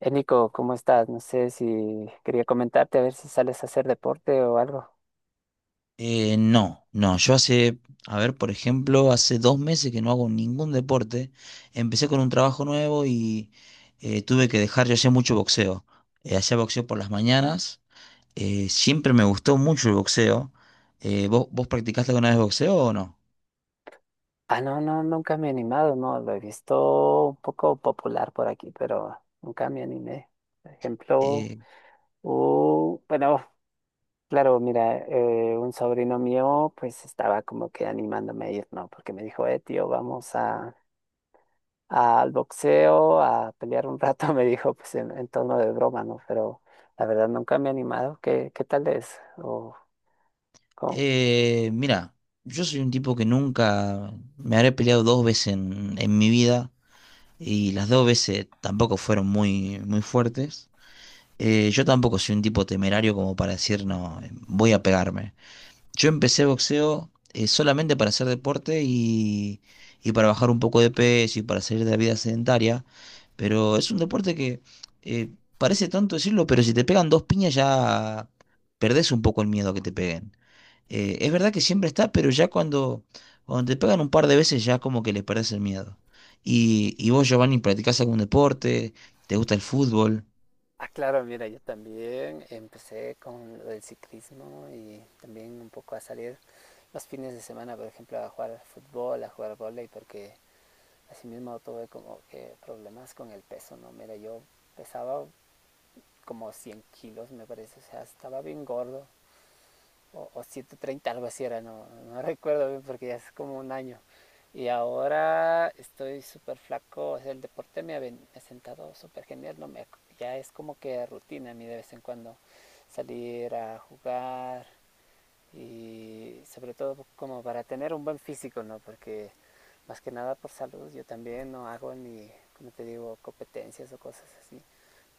Nico, ¿cómo estás? No sé si quería comentarte a ver si sales a hacer deporte o algo. No, no, yo hace, a ver, por ejemplo, hace 2 meses que no hago ningún deporte. Empecé con un trabajo nuevo y tuve que dejar, yo hacía mucho boxeo. Hacía boxeo por las mañanas. Siempre me gustó mucho el boxeo. ¿Vos practicaste alguna vez boxeo o no? Ah, no, no, nunca me he animado, no, lo he visto un poco popular por aquí, pero nunca me animé. Por ejemplo, Eh, bueno, claro, mira, un sobrino mío pues estaba como que animándome a ir, ¿no? Porque me dijo, tío, vamos a, al boxeo, a pelear un rato, me dijo, pues en tono de broma, ¿no? Pero la verdad nunca me he animado. ¿ qué tal es? O, ¿cómo? Mira, yo soy un tipo que nunca me habré peleado dos veces en mi vida y las dos veces tampoco fueron muy, muy fuertes. Yo tampoco soy un tipo temerario como para decir, no, voy a pegarme. Yo empecé boxeo solamente para hacer deporte y para bajar un poco de peso y para salir de la vida sedentaria, pero es un deporte que eh, parece tanto decirlo, pero si te pegan dos piñas ya perdés un poco el miedo a que te peguen. Es verdad que siempre está, pero ya cuando, cuando te pegan un par de veces ya como que le perdés el miedo. Y vos, Giovanni, ¿practicás algún deporte? ¿Te gusta el fútbol? Ah, claro, mira, yo también empecé con lo del ciclismo y también un poco a salir los fines de semana, por ejemplo, a jugar fútbol, a jugar vóley, porque así mismo tuve como que problemas con el peso, ¿no? Mira, yo pesaba como 100 kilos, me parece, o sea, estaba bien gordo o 130 algo así era, no, no recuerdo bien porque ya es como un año. Y ahora estoy súper flaco, o sea, el deporte me ha, me ha sentado súper genial, no me, ya es como que rutina a mí de vez en cuando salir a jugar, y sobre todo como para tener un buen físico, ¿no? Porque más que nada por salud, yo también no hago ni, como te digo, competencias o cosas así.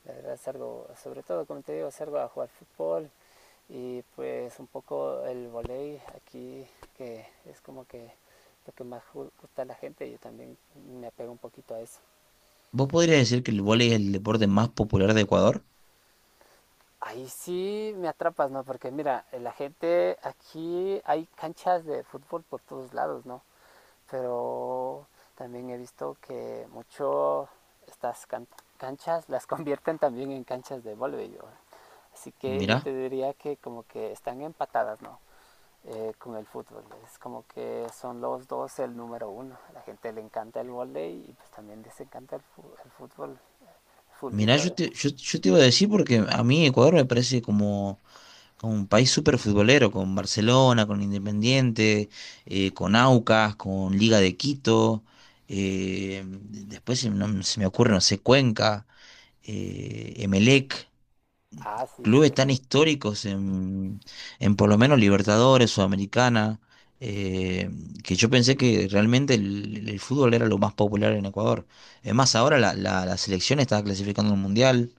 La verdad salgo, sobre todo como te digo, salgo a jugar fútbol y pues un poco el volei aquí, que es como que lo que más gusta a la gente, yo también me apego un poquito a eso. ¿Vos podrías decir que el vóley es el deporte más popular de Ecuador? Ahí sí me atrapas, ¿no? Porque mira, la gente aquí hay canchas de fútbol por todos lados, ¿no? Pero también he visto que mucho estas can canchas las convierten también en canchas de voleibol. Así que yo Mirá, te diría que como que están empatadas, ¿no? Con el fútbol. Es como que son los dos el número uno. A la gente le encanta el volei y pues también les encanta el fútbol, el mirá, fulbito. yo De... te, yo te iba a decir porque a mí Ecuador me parece como, como un país súper futbolero, con Barcelona, con Independiente, con Aucas, con Liga de Quito, después se, no- se me ocurre, no sé, Cuenca, Emelec. Ah, sí, sí, Clubes es. tan históricos en por lo menos Libertadores, Sudamericana, eh, que yo pensé que realmente el fútbol era lo más popular en Ecuador. Es más, ahora la, la, la selección está clasificando al Mundial.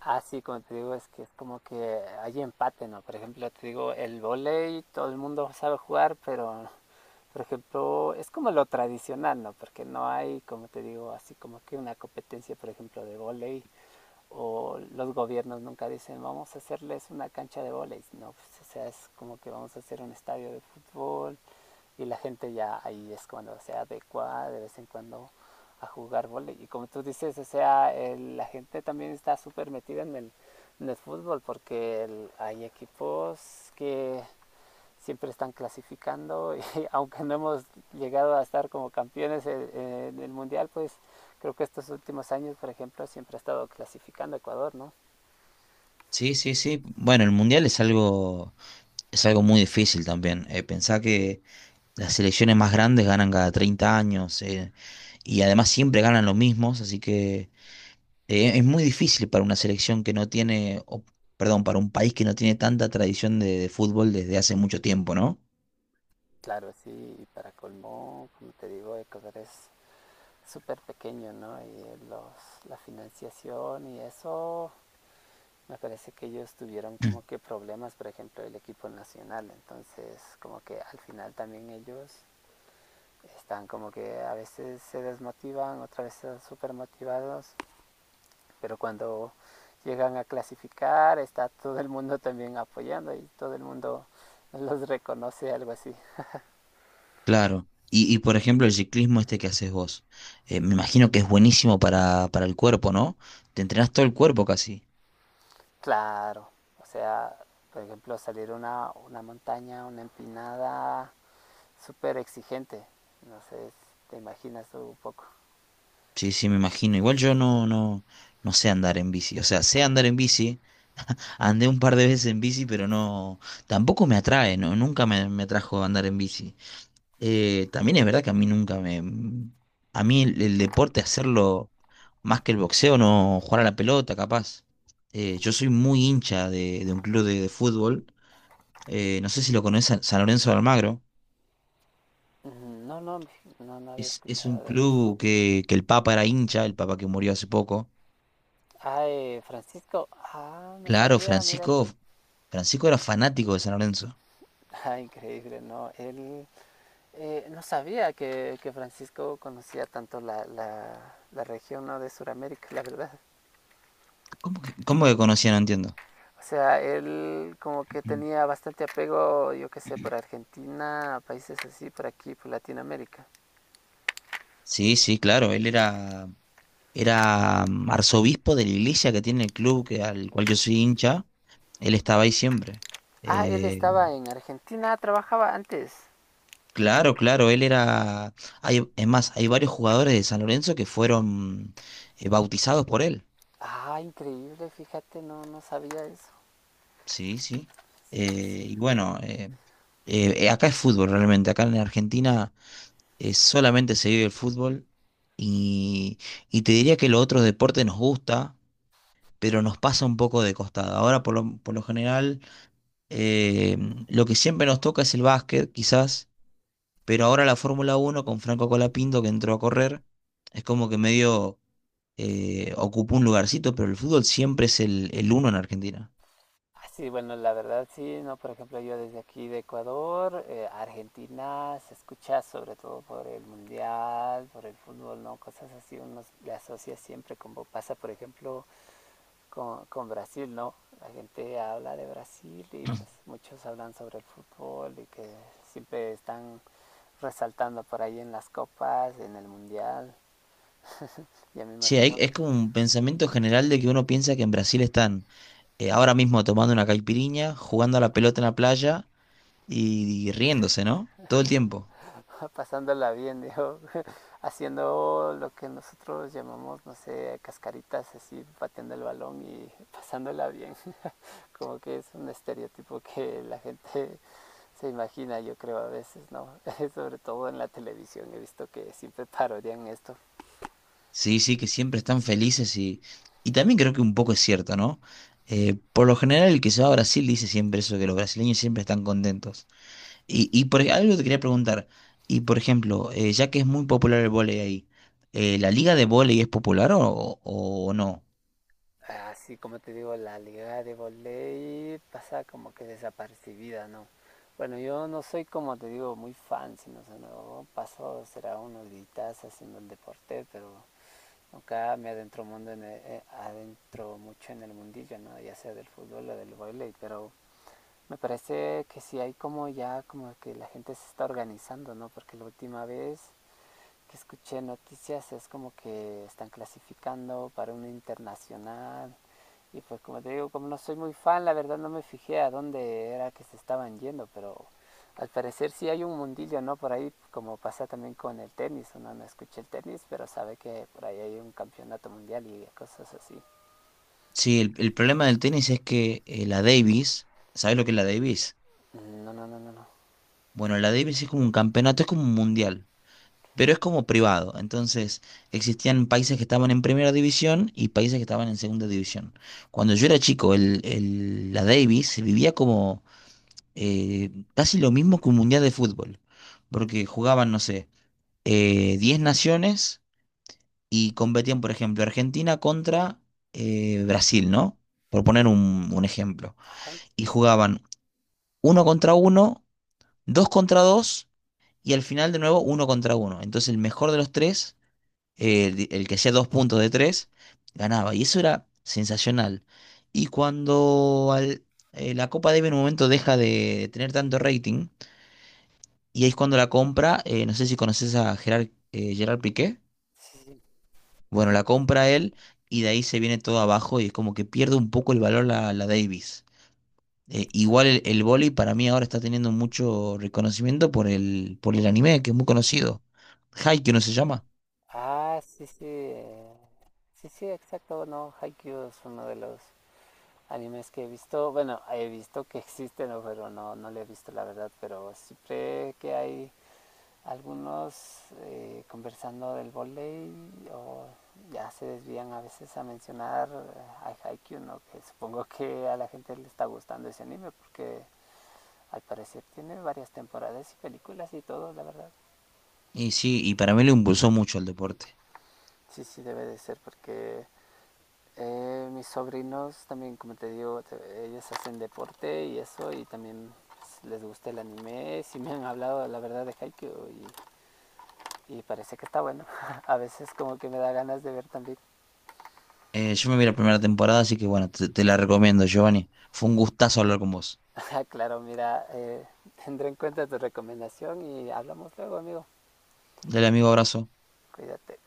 Ah, sí, como te digo, es que es como que hay empate, ¿no? Por ejemplo, te digo, el volei todo el mundo sabe jugar, pero por ejemplo, es como lo tradicional, ¿no? Porque no hay, como te digo, así como que una competencia, por ejemplo, de volei o los gobiernos nunca dicen vamos a hacerles una cancha de volei, no, pues, o sea, es como que vamos a hacer un estadio de fútbol y la gente ya ahí es cuando se adecua de vez en cuando a jugar volei y como tú dices, o sea, la gente también está súper metida en en el fútbol porque hay equipos que siempre están clasificando y aunque no hemos llegado a estar como campeones en, el mundial, pues creo que estos últimos años, por ejemplo, siempre ha estado clasificando Ecuador, ¿no? Sí, sí, sí. Bueno, el Mundial es algo muy difícil también. Pensá que las selecciones más grandes ganan cada 30 años, y además siempre ganan los mismos, así que... Es muy difícil para una selección que no tiene, o, perdón, para un país que no tiene tanta tradición de fútbol desde hace mucho tiempo, ¿no? Claro, sí, y para colmo, como te digo, Ecuador es súper pequeño, ¿no? Y los, la financiación y eso, me parece que ellos tuvieron como que problemas, por ejemplo, el equipo nacional, entonces como que al final también ellos están como que a veces se desmotivan, otras veces súper motivados. Pero cuando llegan a clasificar, está todo el mundo también apoyando y todo el mundo los reconoce, algo así. Claro. Y, por ejemplo, el ciclismo este que haces vos, me imagino que es buenísimo para el cuerpo, ¿no? Te entrenás todo el cuerpo casi. Claro, o sea, por ejemplo, salir una montaña, una empinada, súper exigente. No sé, te imaginas tú un poco. Sí, sí, me imagino. Igual yo no, no, no sé andar en bici. O sea, sé andar en bici. Andé un par de veces en bici, pero no, tampoco me atrae, ¿no? Nunca me, me atrajo andar en bici. También es verdad que a mí nunca me... A mí el deporte, hacerlo más que el boxeo, no jugar a la pelota, capaz. Yo soy muy hincha de un club de fútbol. No sé si lo conocen, San Lorenzo de Almagro. No, no, no, no había Es un escuchado de ellos. club que el Papa era hincha, el Papa que murió hace poco. Ay, Francisco, ah, no Claro, sabía, mira. Francisco, Francisco era fanático de San Lorenzo. Ah, increíble, ¿no? Él no sabía que, Francisco conocía tanto la, la, la región ¿no? de Sudamérica, la verdad. Cómo que conocía? No entiendo. O sea, él como que tenía bastante apego, yo qué sé, por Argentina, países así, por aquí, por Latinoamérica. Sí, sí, claro, él era, era arzobispo de la iglesia que tiene el club que, al cual yo soy hincha. Él estaba ahí siempre. Ah, él Eh, estaba en Argentina, trabajaba antes. claro, claro, él era... Hay, es más, hay varios jugadores de San Lorenzo que fueron bautizados por él. Ah, increíble, fíjate, no, no sabía eso. Sí, sí. Eh, y bueno, eh, Acá es fútbol realmente. Acá en Argentina solamente se vive el fútbol. Y, y te diría que los otros deportes nos gusta, pero nos pasa un poco de costado. Ahora, por lo general, eh, lo que siempre nos toca es el básquet, quizás. Pero ahora la Fórmula uno con Franco Colapinto que entró a correr, es como que medio ocupó un lugarcito, pero el fútbol siempre es el uno en Argentina. Ah, sí, bueno, la verdad sí, ¿no? Por ejemplo, yo desde aquí de Ecuador, Argentina, se escucha sobre todo por el mundial, por el fútbol, ¿no? Cosas así, uno le asocia siempre, como pasa, por ejemplo, con Brasil, ¿no? La gente habla de Brasil y pues muchos hablan sobre el fútbol y que siempre están resaltando por ahí en las copas, en el mundial. Ya me Sí, hay- imagino es como un pensamiento general de que uno piensa que en Brasil están ahora mismo tomando una caipiriña, jugando a la pelota en la playa y riéndose, ¿no? Todo el tiempo. pasándola bien, digo, haciendo lo que nosotros llamamos, no sé, cascaritas, así, pateando el balón y pasándola bien. Como que es un estereotipo que la gente se imagina, yo creo, a veces, ¿no? Sobre todo en la televisión he visto que siempre parodian esto. Sí, sí, que siempre están felices y también creo que un poco es cierto, ¿no? Por lo general el que se va a Brasil dice siempre eso, que los brasileños siempre están contentos. Y por, algo te quería preguntar. Y por ejemplo, ya que es muy popular el vóley ahí, ¿la liga de vóley es popular o no? Así como te digo, la liga de volei pasa como que desapercibida, ¿no? Bueno, yo no soy como te digo muy fan, sino o sea, no, paso será unos días haciendo el deporte, pero acá me adentro mundo en adentro mucho en el mundillo no ya sea del fútbol o del baile pero me parece que sí hay como ya como que la gente se está organizando no porque la última vez que escuché noticias es como que están clasificando para una internacional. Y pues como te digo, como no soy muy fan, la verdad no me fijé a dónde era que se estaban yendo, pero al parecer sí hay un mundillo, ¿no? Por ahí, como pasa también con el tenis, uno no escucha el tenis, pero sabe que por ahí hay un campeonato mundial y cosas así. Sí, el problema del tenis es que la Davis, ¿sabes lo que es la Davis? No, no, no, no, no. Bueno, la Davis es como un campeonato, es como un mundial, pero es como privado. Entonces, existían países que estaban en primera división y países que estaban en segunda división. Cuando yo era chico, el- la Davis se vivía como casi lo mismo que un mundial de fútbol, porque jugaban, no sé. 10 naciones y competían, por ejemplo, Argentina contra Brasil, ¿no? Por poner un ejemplo. Ajá, Y jugaban uno contra uno, dos contra dos y al final de nuevo uno contra uno. Entonces el mejor de los tres, el que hacía dos puntos de tres, ganaba. Y eso era sensacional. Y cuando al- la Copa Davis en un momento deja de tener tanto rating, y ahí es cuando la compra, no sé si conoces a Gerard, Gerard Piqué. sí, sí. Bueno, la compra él y de ahí se viene todo abajo y es como que pierde un poco el valor la, la Davis. Igual el vóley para mí ahora está teniendo mucho reconocimiento por el anime, que es muy conocido. Haikyuu no se llama. Ah, sí, sí. Sí, sí, exacto, no, Haikyuu es uno de los animes que he visto, bueno, he visto que existen, ¿no? Pero no, no lo he visto la verdad, pero siempre que hay algunos conversando del volei o ya se desvían a veces a mencionar a Haikyuu, ¿no? Que supongo que a la gente le está gustando ese anime porque al parecer tiene varias temporadas y películas y todo, la verdad. Y sí, y para mí lo impulsó mucho el deporte. Sí, sí debe de ser porque mis sobrinos también, como te digo, ellos hacen deporte y eso, y también pues, les gusta el anime. Sí me han hablado, la verdad, de Haikyuu y parece que está bueno. A veces como que me da ganas de ver también. Yo me vi la primera temporada, así que bueno, te la recomiendo, Giovanni. Fue un gustazo hablar con vos. Claro, mira, tendré en cuenta tu recomendación y hablamos luego, amigo. Dale, amigo, abrazo. Cuídate.